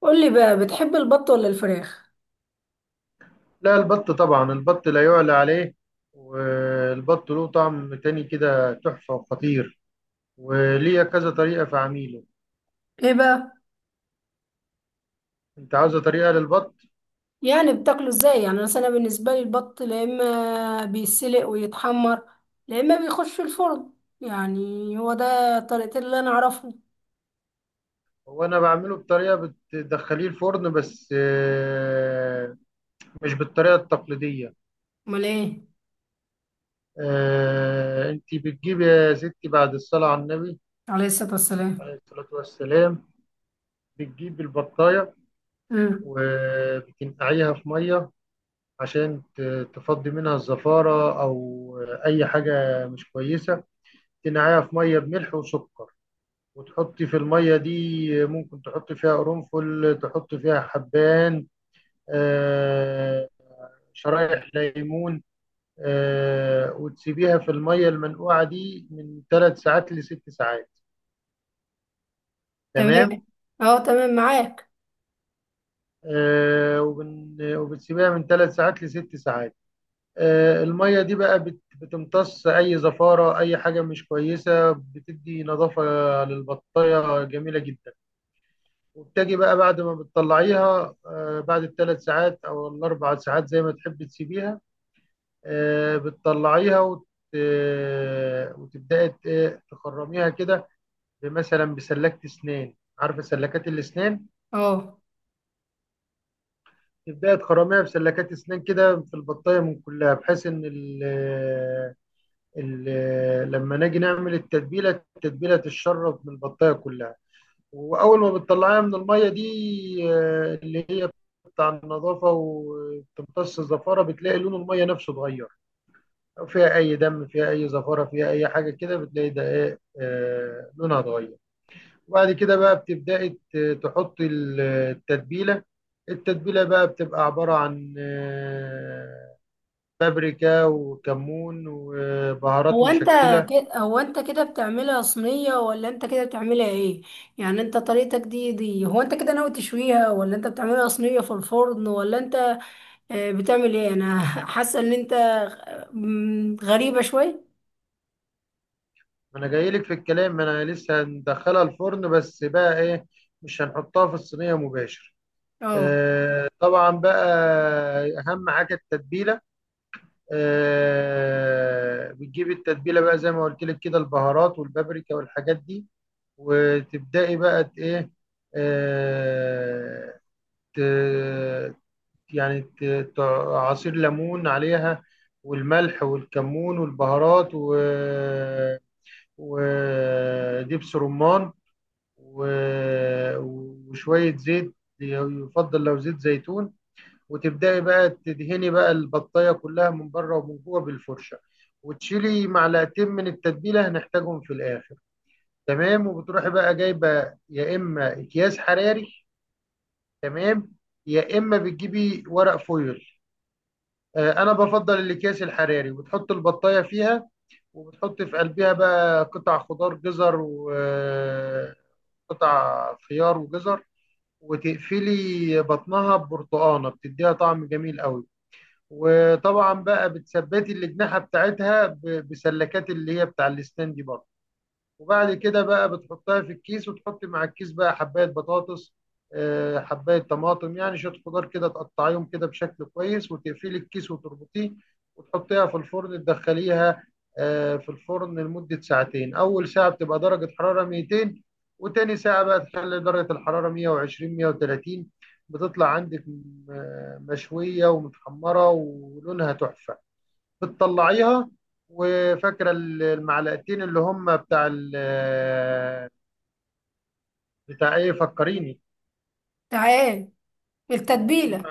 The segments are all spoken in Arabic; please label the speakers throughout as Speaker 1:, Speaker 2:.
Speaker 1: قولي بقى، بتحب البط ولا الفراخ؟
Speaker 2: لا، البط طبعا. البط لا يعلى عليه، والبط له طعم تاني كده تحفة وخطير، وليه كذا طريقة في عميله.
Speaker 1: ايه بقى؟
Speaker 2: انت عاوزة طريقة للبط؟
Speaker 1: يعني بتاكله ازاي؟ يعني مثلا أنا بالنسبه لي البط لا اما بيسلق ويتحمر، لا اما بيخش في الفرن. يعني هو ده الطريقتين اللي انا اعرفهم.
Speaker 2: هو انا بعمله بطريقة بتدخليه الفرن بس مش بالطريقة التقليدية.
Speaker 1: امال ايه؟
Speaker 2: انت بتجيب يا ستي بعد الصلاة على النبي
Speaker 1: عليه الصلاه والسلام.
Speaker 2: عليه الصلاة والسلام، بتجيب البطاية
Speaker 1: امم.
Speaker 2: وبتنقعيها في مية عشان تفضي منها الزفارة أو أي حاجة مش كويسة. تنقعيها في ميه بملح وسكر، وتحطي في الميه دي، ممكن تحطي فيها قرنفل، تحطي فيها حبان، آه، شرايح ليمون. وتسيبيها في الميه المنقوعه دي من ثلاث ساعات لست ساعات.
Speaker 1: تمام.
Speaker 2: تمام.
Speaker 1: اه، تمام معاك.
Speaker 2: وبتسيبيها من ثلاث ساعات لست ساعات. الميه دي بقى بتمتص اي زفاره، اي حاجه مش كويسه، بتدي نظافه للبطايه جميله جدا. وبتجي بقى بعد ما بتطلعيها، بعد الثلاث ساعات او الاربع ساعات زي ما تحبي تسيبيها. آه، بتطلعيها وت... آه، وتبداي ت- إيه، تخرميها كده، مثلا بسلكة اسنان، عارفة سلكات الاسنان؟
Speaker 1: اه.
Speaker 2: تبداي تخرميها بسلكات اسنان كده في البطاية من كلها، بحيث ان لما نيجي نعمل التتبيلة، التتبيلة تتشرب من البطاية كلها. واول ما بتطلعيها من الميه دي، اللي هي بتاع النظافه وتمتص الزفاره، بتلاقي لون الميه نفسه اتغير. لو فيها اي دم، فيها اي زفاره، فيها اي حاجه كده، بتلاقي ده ايه، لونها اتغير. وبعد كده بقى بتبداي تحطي التتبيله. التتبيله بقى بتبقى عباره عن بابريكا وكمون وبهارات
Speaker 1: هو انت
Speaker 2: مشكله.
Speaker 1: هو انت كده بتعملها صينيه ولا انت كده بتعملها ايه؟ يعني انت طريقتك دي هو انت كده ناوي تشويها ولا انت بتعملها صينيه في الفرن ولا انت بتعمل ايه؟ انا حاسه ان انت غريبه شويه.
Speaker 2: ما انا جاي لك في الكلام، ما انا لسه هندخلها الفرن، بس بقى ايه، مش هنحطها في الصينيه مباشر.
Speaker 1: اه.
Speaker 2: آه طبعا بقى. اهم حاجه التتبيله. آه، بتجيبي التتبيله بقى زي ما قلت لك كده، البهارات والبابريكا والحاجات دي، وتبداي بقى ت- ايه آه ت- يعني ت- ت- عصير ليمون عليها، والملح والكمون والبهارات، و ودبس رمان، و- وشوية زيت، يفضل لو زيت زيتون. وتبدأي بقى تدهني بقى البطاية كلها من بره ومن جوه بالفرشة، وتشيلي معلقتين من التتبيلة هنحتاجهم في الآخر. تمام. وبتروحي بقى جايبة يا إما أكياس حراري، تمام، يا إما بتجيبي ورق فويل. أنا بفضل الأكياس الحراري، وتحط البطاية فيها، وبتحط في قلبها بقى قطع خضار، جزر وقطع خيار وجزر، وتقفلي بطنها ببرتقانه بتديها طعم جميل قوي. وطبعا بقى بتثبتي الاجنحه بتاعتها بسلكات اللي هي بتاع الاسنان دي برضه. وبعد كده بقى بتحطها في الكيس، وتحط مع الكيس بقى حباية بطاطس، حباية طماطم، يعني شوية خضار كده تقطعيهم كده بشكل كويس، وتقفلي الكيس وتربطيه، وتحطيها في الفرن. تدخليها في الفرن لمدة ساعتين. أول ساعة بتبقى درجة حرارة 200، وتاني ساعة بقى تخلي درجة الحرارة 120 130. بتطلع عندك مشوية ومتحمرة ولونها تحفة. بتطلعيها، وفاكره المعلقتين اللي هم بتاع ايه، فكريني.
Speaker 1: تعال. التتبيله.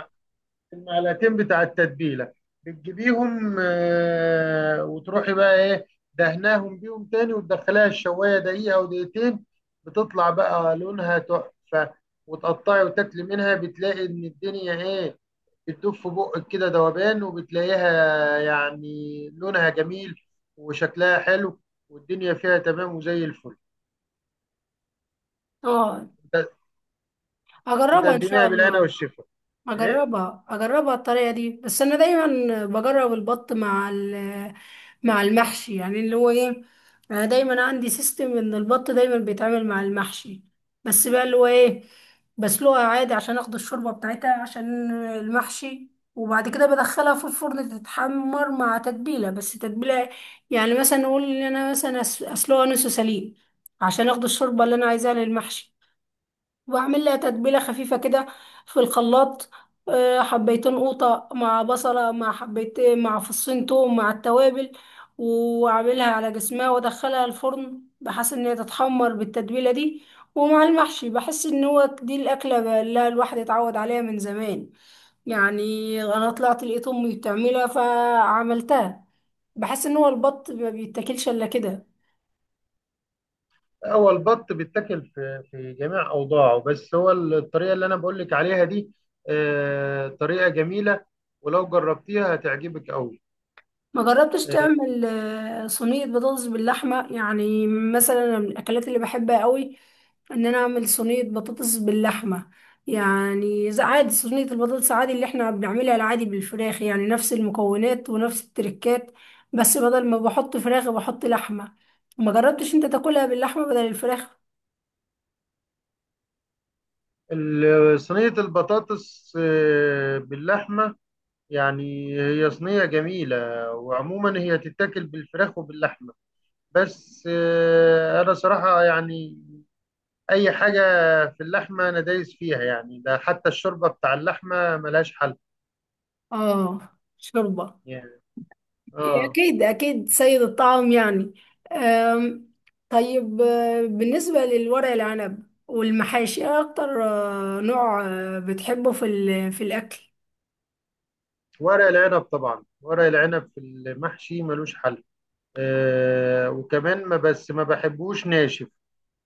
Speaker 2: المعلقتين بتاع التتبيله، بتجيبيهم، وتروحي بقى ايه، دهناهم بيهم تاني، وتدخليها الشوايه دقيقه او دقيقتين. بتطلع بقى لونها تحفه، وتقطعي وتاكلي منها، بتلاقي ان الدنيا ايه، بتدوب في بقك كده ذوبان، وبتلاقيها يعني لونها جميل وشكلها حلو، والدنيا فيها تمام وزي الفل.
Speaker 1: اه،
Speaker 2: وت-
Speaker 1: هجربها ان شاء
Speaker 2: وتقدميها بالهنا
Speaker 1: الله.
Speaker 2: والشفا. ايه،
Speaker 1: اجربها اجربها الطريقه دي. بس انا دايما بجرب البط مع مع المحشي، يعني اللي هو ايه، انا دايما عندي سيستم ان البط دايما بيتعمل مع المحشي. بس بقى اللي هو ايه، بسلقها عادي عشان اخد الشوربه بتاعتها عشان المحشي، وبعد كده بدخلها في الفرن تتحمر مع تتبيله، بس تتبيله. يعني مثلا نقول ان انا مثلا اسلقها نص سليق عشان اخد الشوربه اللي انا عايزاها للمحشي، واعمل لها تتبيله خفيفه كده في الخلاط. حبيتين قوطه مع بصله مع حبيت مع فصين توم مع التوابل، واعملها على جسمها وادخلها الفرن بحيث ان هي تتحمر بالتتبيله دي. ومع المحشي بحس ان هو دي الاكله اللي الواحد اتعود عليها من زمان. يعني انا طلعت لقيت امي بتعملها فعملتها. بحس ان هو البط ما بيتاكلش الا كده.
Speaker 2: هو البط بيتاكل في في جميع اوضاعه، بس هو الطريقه اللي انا بقول لك عليها دي طريقه جميله، ولو جربتيها هتعجبك قوي.
Speaker 1: ما جربتش تعمل صينية بطاطس باللحمة؟ يعني مثلا أنا من الأكلات اللي بحبها قوي، إن أنا أعمل صينية بطاطس باللحمة. يعني زي عادي، صينية البطاطس عادي اللي إحنا بنعملها العادي بالفراخ، يعني نفس المكونات ونفس التركات، بس بدل ما بحط فراخ بحط لحمة. ما جربتش أنت تاكلها باللحمة بدل الفراخ؟
Speaker 2: صينيه البطاطس باللحمه، يعني هي صينيه جميله، وعموما هي تتاكل بالفراخ وباللحمه، بس انا صراحه يعني اي حاجه في اللحمه انا دايس فيها. يعني ده حتى الشوربه بتاع اللحمه ملهاش حل
Speaker 1: آه، شوربة.
Speaker 2: يعني.
Speaker 1: إيه،
Speaker 2: اه.
Speaker 1: أكيد أكيد سيد الطعام يعني. أم، طيب، بالنسبة للورق العنب والمحاشي، إيه أكتر نوع بتحبه في في الأكل؟
Speaker 2: ورق العنب، طبعا ورق العنب في المحشي ملوش حل. آه، وكمان ما بحبوش ناشف،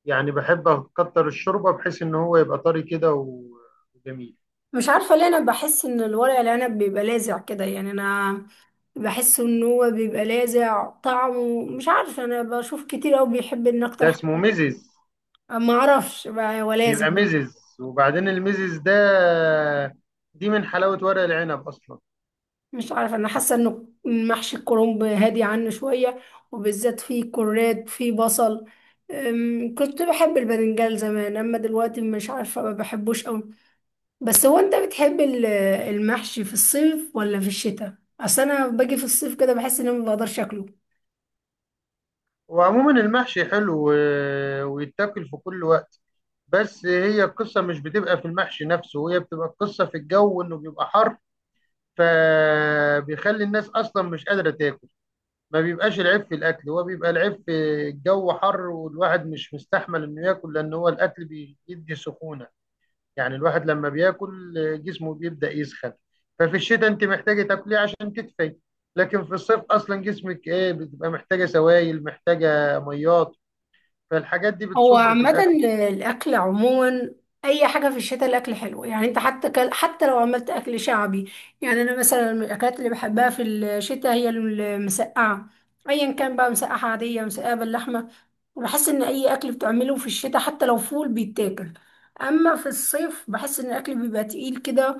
Speaker 2: يعني بحب اكتر الشوربه، بحيث ان هو يبقى طري كده وجميل.
Speaker 1: مش عارفة ليه، أنا بحس إن الورق العنب بيبقى لاذع كده. يعني أنا بحس إن هو بيبقى لاذع طعمه، مش عارفة، أنا بشوف كتير أوي بيحب إن أكتر
Speaker 2: ده اسمه
Speaker 1: حاجة.
Speaker 2: مزز،
Speaker 1: ما أعرفش بقى، هو لاذع.
Speaker 2: بيبقى مزز. وبعدين المزز ده دي من حلاوه ورق العنب اصلا.
Speaker 1: مش عارفة، أنا حاسة إنه محشي الكرنب هادي عنه شوية، وبالذات فيه كراد، فيه بصل. كنت بحب الباذنجان زمان، أما دلوقتي مش عارفة، ما بحبوش أوي. بس هو أنت بتحب المحشي في الصيف ولا في الشتاء؟ أصل أنا باجي في الصيف كده بحس إني ما بقدرش أكله.
Speaker 2: وعموما المحشي حلو، ويتاكل في كل وقت. بس هي القصه مش بتبقى في المحشي نفسه، هي بتبقى القصه في الجو انه بيبقى حر، فبيخلي الناس اصلا مش قادره تاكل. ما بيبقاش العيب في الاكل، هو بيبقى العيب في الجو حر، والواحد مش مستحمل انه ياكل، لان هو الاكل بيدي سخونه. يعني الواحد لما بياكل جسمه بيبدا يسخن. ففي الشتاء انت محتاجه تاكليه عشان تدفي، لكن في الصيف اصلا جسمك ايه، بتبقى محتاجه سوائل، محتاجه ميات، فالحاجات دي
Speaker 1: هو
Speaker 2: بتصد في
Speaker 1: عامة
Speaker 2: الاكل.
Speaker 1: الأكل عموما، أي حاجة في الشتاء الأكل حلو. يعني أنت حتى كل، حتى لو عملت أكل شعبي. يعني أنا مثلا من الأكلات اللي بحبها في الشتاء هي المسقعة، أيا كان بقى، مسقعة عادية مسقعة باللحمة. وبحس إن أي أكل بتعمله في الشتاء حتى لو فول بيتاكل. أما في الصيف بحس إن الأكل بيبقى تقيل كده.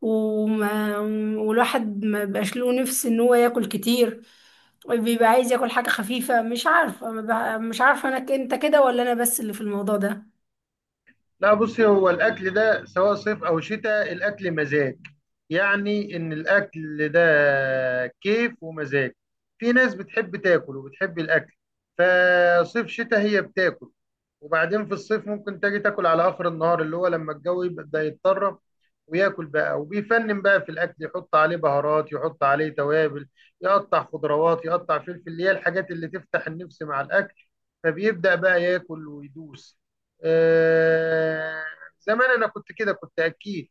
Speaker 1: وما والواحد ما بيبقاش له نفس إن هو ياكل كتير، بيبقى عايز ياكل حاجة خفيفة. مش عارفة، ما بح- مش عارفة، انت كده ولا انا، بس اللي في الموضوع ده.
Speaker 2: لا، بصي، هو الأكل ده سواء صيف أو شتاء، الأكل مزاج. يعني إن الأكل ده كيف ومزاج، في ناس بتحب تاكل وبتحب الأكل، فصيف شتاء هي بتاكل. وبعدين في الصيف ممكن تجي تاكل على آخر النهار اللي هو لما الجو يبدأ يتطرب، وياكل بقى وبيفنن بقى في الأكل، يحط عليه بهارات، يحط عليه توابل، يقطع خضروات، يقطع فلفل، اللي هي الحاجات اللي تفتح النفس مع الأكل، فبيبدأ بقى ياكل ويدوس. آه، زمان انا كنت كده، كنت اكيد،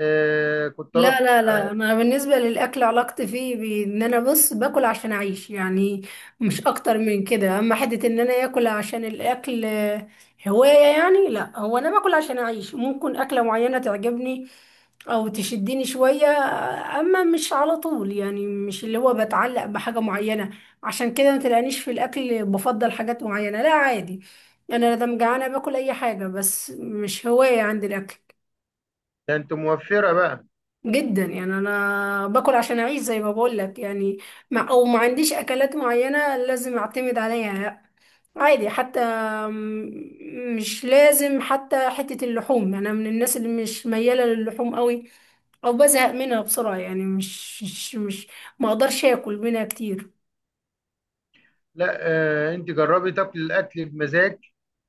Speaker 2: آه، كنت
Speaker 1: لا
Speaker 2: اروح.
Speaker 1: لا لا، انا بالنسبة للاكل، علاقتي فيه ان انا بص، باكل عشان اعيش، يعني مش اكتر من كده. اما حتة ان انا اكل عشان الاكل هواية، يعني لا، هو انا باكل عشان اعيش. ممكن اكلة معينة تعجبني او تشدني شوية، اما مش على طول، يعني مش اللي هو بتعلق بحاجة معينة. عشان كده ما تلاقينيش في الاكل بفضل حاجات معينة، لا عادي. يعني انا لما جعانة باكل اي حاجة، بس مش هواية عندي الاكل.
Speaker 2: ده انت موفرة بقى.
Speaker 1: جدا، يعني انا باكل عشان اعيش زي ما بقول لك. يعني او ما عنديش اكلات معينة لازم اعتمد عليها، لا عادي حتى. مش لازم حتى حتة اللحوم، انا من الناس اللي مش ميالة للحوم قوي، او بزهق منها بسرعة. يعني مش مش مش ما اقدرش اكل منها كتير.
Speaker 2: لا، آه، انت جربي تاكل الاكل بمزاج،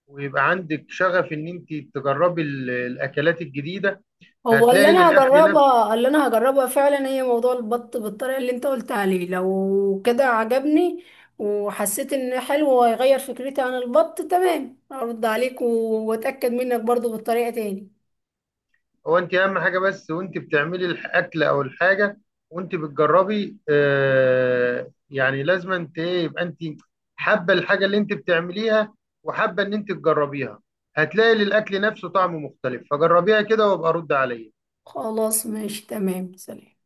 Speaker 2: ويبقى عندك شغف ان انت تجربي الاكلات الجديدة،
Speaker 1: هو اللي
Speaker 2: هتلاقي
Speaker 1: انا
Speaker 2: للاكل نفسه.
Speaker 1: هجربها، اللي انا هجربها فعلا، هي موضوع البط بالطريقة اللي انت قلت عليه. لو كده عجبني وحسيت ان حلو، وهيغير فكرتي عن البط تمام، ارد عليك واتأكد منك برضو بالطريقة تاني.
Speaker 2: هو انت اهم حاجه، بس وانت بتعملي الاكل او الحاجه، وانت بتجربي آه، يعني لازم انت ايه، يبقى انت حابه الحاجه اللي انت بتعمليها، وحابه ان انت تجربيها، هتلاقي للاكل نفسه طعم مختلف. فجربيها كده وابقى رد عليا.
Speaker 1: خلاص، ماشي، تمام، سلام.